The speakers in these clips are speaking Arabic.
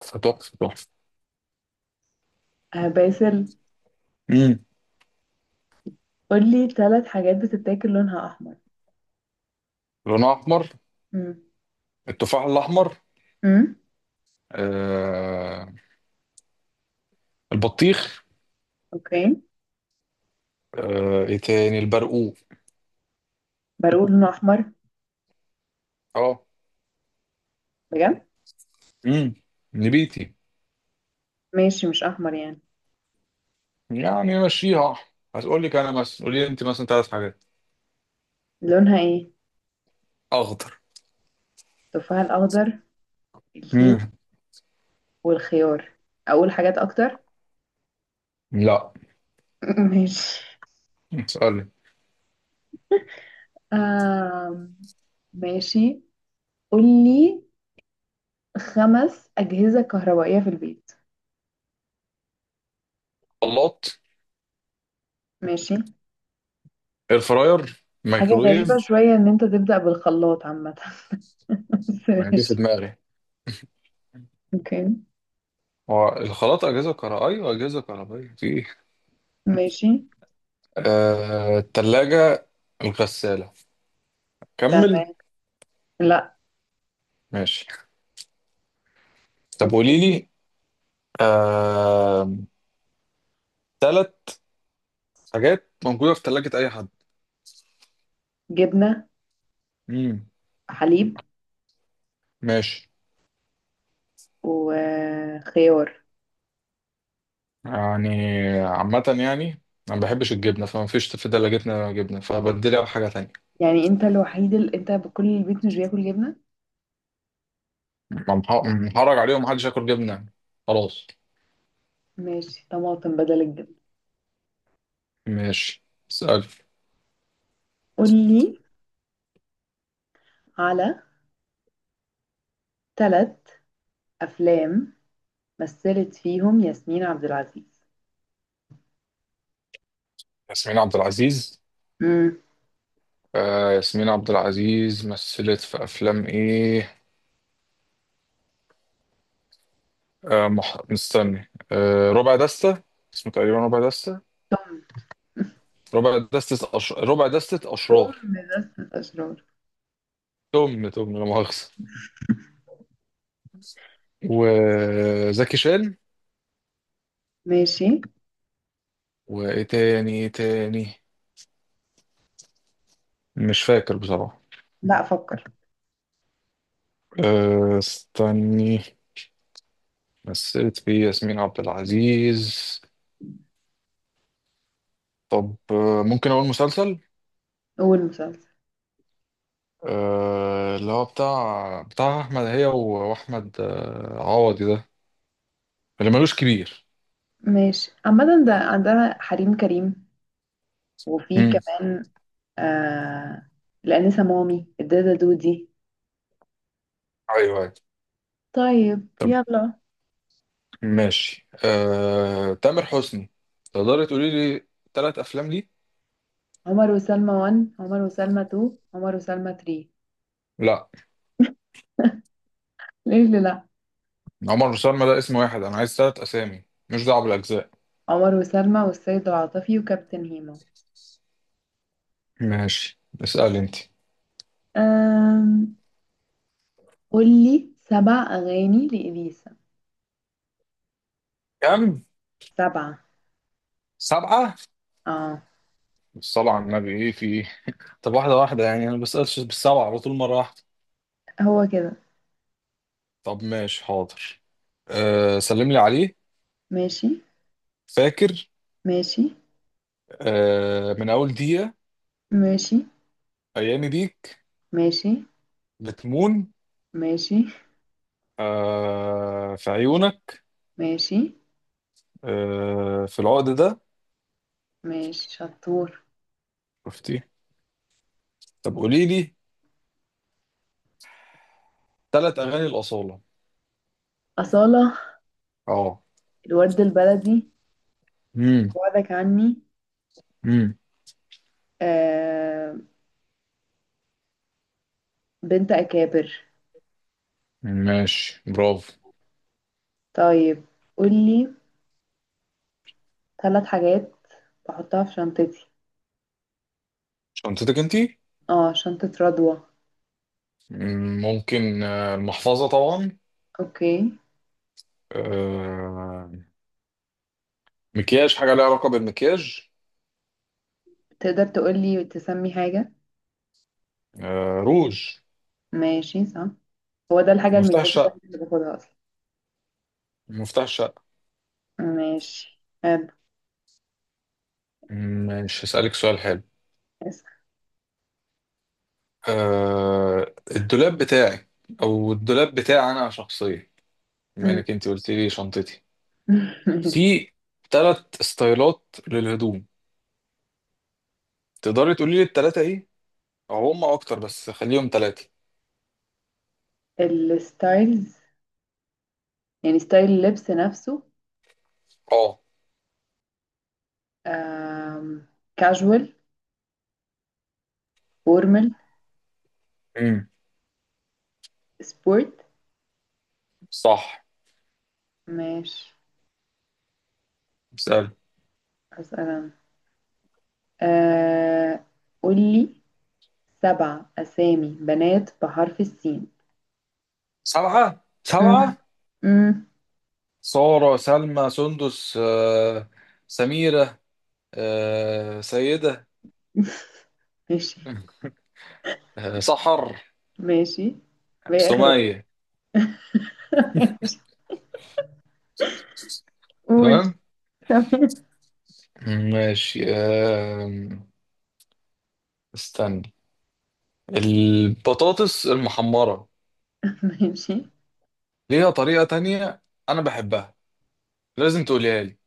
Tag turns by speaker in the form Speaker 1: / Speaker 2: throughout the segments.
Speaker 1: تحفة تحفة.
Speaker 2: آه باسل.
Speaker 1: امم
Speaker 2: قولي ثلاث حاجات بتتاكل لونها أحمر؟
Speaker 1: لونها أحمر.
Speaker 2: مم.
Speaker 1: التفاح الأحمر.
Speaker 2: مم.
Speaker 1: آه البطيخ.
Speaker 2: أوكي.
Speaker 1: إيه تاني؟ البرقوق.
Speaker 2: بقول لونه أحمر.
Speaker 1: أه.
Speaker 2: بجد.
Speaker 1: امم نبيتي.
Speaker 2: ماشي، مش أحمر يعني.
Speaker 1: يعني مشيها أحمر. هتقول لك أنا مثلا قولي لي أنت مثلا ثلاث حاجات.
Speaker 2: لونها إيه؟
Speaker 1: أخضر.
Speaker 2: التفاح الأخضر، الكيوي،
Speaker 1: امم
Speaker 2: والخيار. أقول حاجات أكتر؟
Speaker 1: لا.
Speaker 2: ماشي.
Speaker 1: اسألي.
Speaker 2: آم. ماشي. قولي خمس أجهزة كهربائية في البيت.
Speaker 1: خلاط.
Speaker 2: ماشي.
Speaker 1: إير فراير،
Speaker 2: حاجة غريبة
Speaker 1: مايكرويف.
Speaker 2: شوية إن أنت تبدأ بالخلاط عامة. بس
Speaker 1: أنا جه في
Speaker 2: ماشي.
Speaker 1: دماغي.
Speaker 2: أوكي.
Speaker 1: هو الخلاط أجهزة كهربائية، وأجهزة كهربائية في إيه؟
Speaker 2: ماشي.
Speaker 1: التلاجة، الغسالة. كمل.
Speaker 2: تمام. لا.
Speaker 1: ماشي. طب
Speaker 2: أوكي.
Speaker 1: قولي لي آه... ثلاث حاجات موجودة في ثلاجة أي حد.
Speaker 2: جبنة،
Speaker 1: مم.
Speaker 2: حليب،
Speaker 1: ماشي.
Speaker 2: وخيار.
Speaker 1: يعني عامة يعني، أنا ما بحبش الجبنة فما فيش في ثلاجتنا جبنة فبديلها بحاجة تانية.
Speaker 2: يعني انت الوحيد اللي انت بكل البيت مش بياكل جبنة؟
Speaker 1: محرج عليهم محدش ياكل جبنة يعني. خلاص.
Speaker 2: ماشي، طماطم بدل الجبنة.
Speaker 1: ماشي. اسأل.
Speaker 2: قولي على ثلاث افلام مثلت فيهم ياسمين عبد العزيز.
Speaker 1: ياسمين عبد العزيز.
Speaker 2: امم.
Speaker 1: ياسمين عبد العزيز مثلت في أفلام إيه؟ مستني. ربع دستة. اسمه تقريبا ربع دستة. ربع دستة أشرار.
Speaker 2: ثم لذة اشرار.
Speaker 1: تم لا مؤاخذة، وزكي شان.
Speaker 2: ماشي.
Speaker 1: وايه تاني ايه تاني؟ مش فاكر بصراحة.
Speaker 2: لا، افكر.
Speaker 1: استني. مثلت فيه ياسمين عبد العزيز. طب ممكن اقول مسلسل.
Speaker 2: اول مسلسل.
Speaker 1: اللي هو بتاع احمد هي واحمد، عوضي ده. اللي ملوش كبير.
Speaker 2: ماشي، عامة ده عندها حريم كريم. وفي
Speaker 1: امم
Speaker 2: كمان. آه. الأنسة مامي، الدادة دودي.
Speaker 1: ايوه أيوة.
Speaker 2: طيب يلا.
Speaker 1: ماشي تامر حسني. تقدري تقولي لي ثلاث افلام ليه؟
Speaker 2: عمر وسلمى 1، عمر وسلمى 2، عمر وسلمى 3.
Speaker 1: لا.
Speaker 2: ليه اللي لا؟
Speaker 1: عمر وسلمى ده اسم واحد، انا عايز ثلاث اسامي، مش دعوه بالاجزاء.
Speaker 2: عمر وسلمى والسيد العاطفي وكابتن هيما.
Speaker 1: ماشي اسأل انت.
Speaker 2: أم... قولي سبع أغاني لإليسا.
Speaker 1: كم؟
Speaker 2: سبعة.
Speaker 1: سبعة.
Speaker 2: اه.
Speaker 1: بالصلاة على النبي ايه في ايه. طب واحدة واحدة يعني، انا ما بسألش بالسبعة على طول مرة واحدة.
Speaker 2: هو كده.
Speaker 1: طب ماشي حاضر. سلم لي عليه.
Speaker 2: ماشي.
Speaker 1: فاكر.
Speaker 2: ماشي.
Speaker 1: من أول دقيقة.
Speaker 2: ماشي.
Speaker 1: أيامي بيك.
Speaker 2: ماشي.
Speaker 1: بتمون.
Speaker 2: ماشي.
Speaker 1: في عيونك.
Speaker 2: ماشي.
Speaker 1: في العقد ده.
Speaker 2: ماشي شطور.
Speaker 1: شفتي. طب قولي لي ثلاث أغاني الأصالة.
Speaker 2: أصالة.
Speaker 1: اه.
Speaker 2: الورد البلدي.
Speaker 1: امم
Speaker 2: وعدك عني.
Speaker 1: امم
Speaker 2: آه... بنت أكابر.
Speaker 1: ماشي برافو.
Speaker 2: طيب، قولي ثلاث حاجات بحطها في شنطتي.
Speaker 1: شنطتك انتي؟
Speaker 2: اه، شنطة رضوى.
Speaker 1: ممكن، المحفظة طبعا.
Speaker 2: اوكي.
Speaker 1: آه، مكياج، حاجة ليها علاقة بالمكياج.
Speaker 2: تقدر تقولي تسمي حاجة؟
Speaker 1: روج.
Speaker 2: ماشي صح. هو ده الحاجة
Speaker 1: مفتاح
Speaker 2: المكياج
Speaker 1: الشقة.
Speaker 2: الوحيدة اللي باخدها أصلا.
Speaker 1: مفتاح الشقة.
Speaker 2: ماشي حلو.
Speaker 1: ماشي هسألك سؤال حلو.
Speaker 2: اسأل.
Speaker 1: الدولاب بتاعي. أو الدولاب بتاعي أنا شخصيا، بما
Speaker 2: أمم.
Speaker 1: إنك أنت قلت لي شنطتي.
Speaker 2: ماشي.
Speaker 1: في تلات ستايلات للهدوم، تقدري تقولي لي التلاتة إيه؟ أو هما أكتر بس خليهم تلاتة.
Speaker 2: الستايلز، يعني ستايل اللبس نفسه.
Speaker 1: أه.
Speaker 2: آم... كاجوال، فورمال،
Speaker 1: امم
Speaker 2: سبورت.
Speaker 1: صح.
Speaker 2: ماشي.
Speaker 1: سأل.
Speaker 2: أسأل أنا. آه... قولي سبع أسامي بنات بحرف السين.
Speaker 1: سبعة سبعة؟
Speaker 2: أمم. أمم.
Speaker 1: سارة، سلمى، سندس، سميرة، سيدة،
Speaker 2: ماشي.
Speaker 1: سحر،
Speaker 2: ماشي، وهي آخر واحدة.
Speaker 1: سمية.
Speaker 2: ماشي. قول.
Speaker 1: تمام.
Speaker 2: تمام.
Speaker 1: ماشي استني. البطاطس المحمرة
Speaker 2: ماشي.
Speaker 1: ليها طريقة تانية. أنا بحبها، لازم تقوليها لي.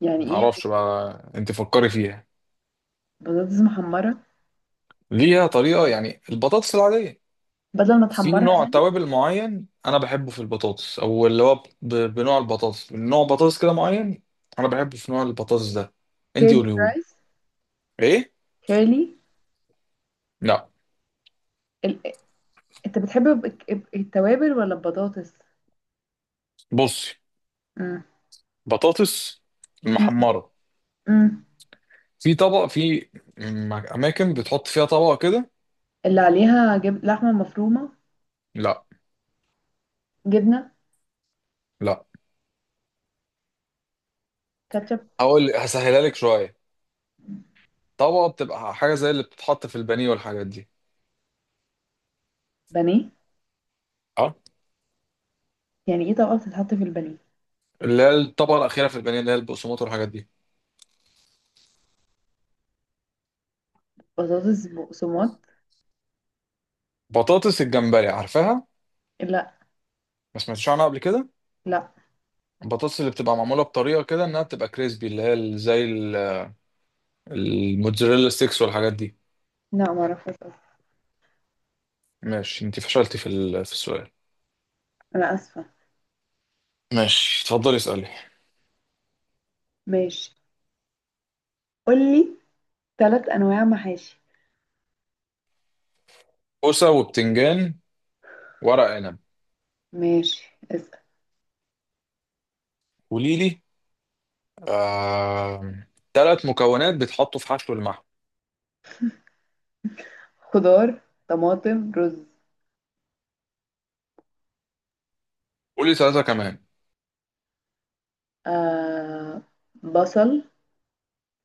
Speaker 2: يعني ايه؟
Speaker 1: معرفش بقى، أنت فكري فيها.
Speaker 2: بطاطس محمرة.
Speaker 1: ليها طريقة يعني البطاطس العادية.
Speaker 2: بدل ما
Speaker 1: في
Speaker 2: تحمرها
Speaker 1: نوع
Speaker 2: يعني.
Speaker 1: توابل معين أنا بحبه في البطاطس، أو اللي هو بنوع البطاطس، نوع بطاطس كده معين أنا بحبه في نوع البطاطس ده. أنت
Speaker 2: كيرلي
Speaker 1: قوليهولي.
Speaker 2: فرايز.
Speaker 1: إيه؟
Speaker 2: كيرلي.
Speaker 1: لا.
Speaker 2: ال... انت بتحب التوابل ولا البطاطس؟
Speaker 1: بصي.
Speaker 2: مم.
Speaker 1: بطاطس
Speaker 2: مم.
Speaker 1: محمرة.
Speaker 2: مم.
Speaker 1: في طبق، في أماكن بتحط فيها طبق كده.
Speaker 2: اللي عليها لحمة مفرومة.
Speaker 1: لا.
Speaker 2: جبنة.
Speaker 1: لا.
Speaker 2: كاتشب.
Speaker 1: هقول هسهلها لك شوية. طبقة بتبقى حاجة زي اللي بتتحط في البانيه والحاجات دي.
Speaker 2: بانيه.
Speaker 1: اه.
Speaker 2: يعني ايه طبقة بتتحط في البانيه؟
Speaker 1: اللي هي الطبقة الأخيرة في البانيه، اللي هي البقسماط والحاجات دي.
Speaker 2: بطاطس بقسماط.
Speaker 1: بطاطس الجمبري، عارفاها؟
Speaker 2: لا،
Speaker 1: ما سمعتش عنها قبل كده؟
Speaker 2: لا،
Speaker 1: البطاطس اللي بتبقى معمولة بطريقة كده إنها بتبقى كريسبي، اللي هي زي الموتزاريلا ستيكس والحاجات دي.
Speaker 2: لا، معرفش أصلاً.
Speaker 1: ماشي أنت فشلتي في في السؤال.
Speaker 2: انا اسفة.
Speaker 1: ماشي اتفضلي اسألي.
Speaker 2: ماشي. قولي ثلاث انواع محاشي.
Speaker 1: كوسة وبتنجان، ورق عنب.
Speaker 2: ماشي اسأل.
Speaker 1: قولي لي ثلاث مكونات بيتحطوا في حشو المحشي.
Speaker 2: خضار، طماطم، رز.
Speaker 1: قول لي ثلاثة كمان.
Speaker 2: آه... بصل،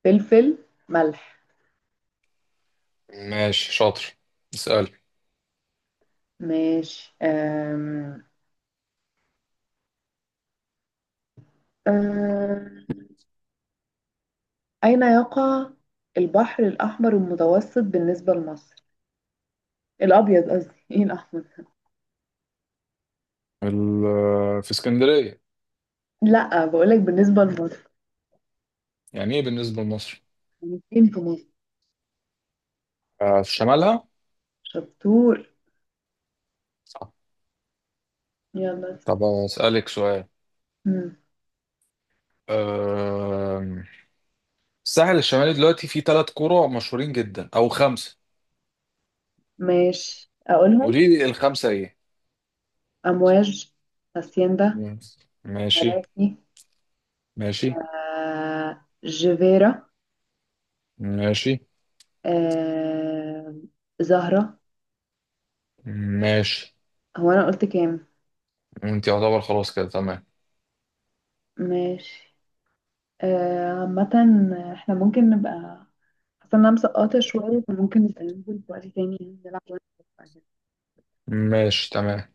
Speaker 2: فلفل، ملح.
Speaker 1: ماشي شاطر. اسأل.
Speaker 2: ماشي. أم... أين يقع البحر الأحمر المتوسط بالنسبة لمصر؟ الأبيض قصدي، إيه الأحمر؟
Speaker 1: في اسكندرية.
Speaker 2: لأ، بقولك بالنسبة لمصر.
Speaker 1: يعني ايه بالنسبة لمصر؟
Speaker 2: يعني فين في مصر؟
Speaker 1: في شمالها.
Speaker 2: شطور.
Speaker 1: صح.
Speaker 2: يلا اسأل.
Speaker 1: طب اسألك سؤال.
Speaker 2: مم.
Speaker 1: آم، الساحل الشمالي دلوقتي فيه ثلاث قرى مشهورين جدا او خمسة.
Speaker 2: ماشي أقولهم.
Speaker 1: قولي لي الخمسة ايه.
Speaker 2: أمواج، هاسيندا،
Speaker 1: مم. ماشي.
Speaker 2: مراسي،
Speaker 1: ماشي.
Speaker 2: جيفيرا،
Speaker 1: ماشي.
Speaker 2: آه... زهرة.
Speaker 1: ماشي.
Speaker 2: هو أنا قلت كام؟
Speaker 1: انت يعتبر خلاص كده تمام.
Speaker 2: ماشي. عامة احنا ممكن نبقى. حاسة إن أنا مسقطة شوية فممكن نبقى ننزل في وقت تاني يعني نلعب شوية.
Speaker 1: ماشي تمام.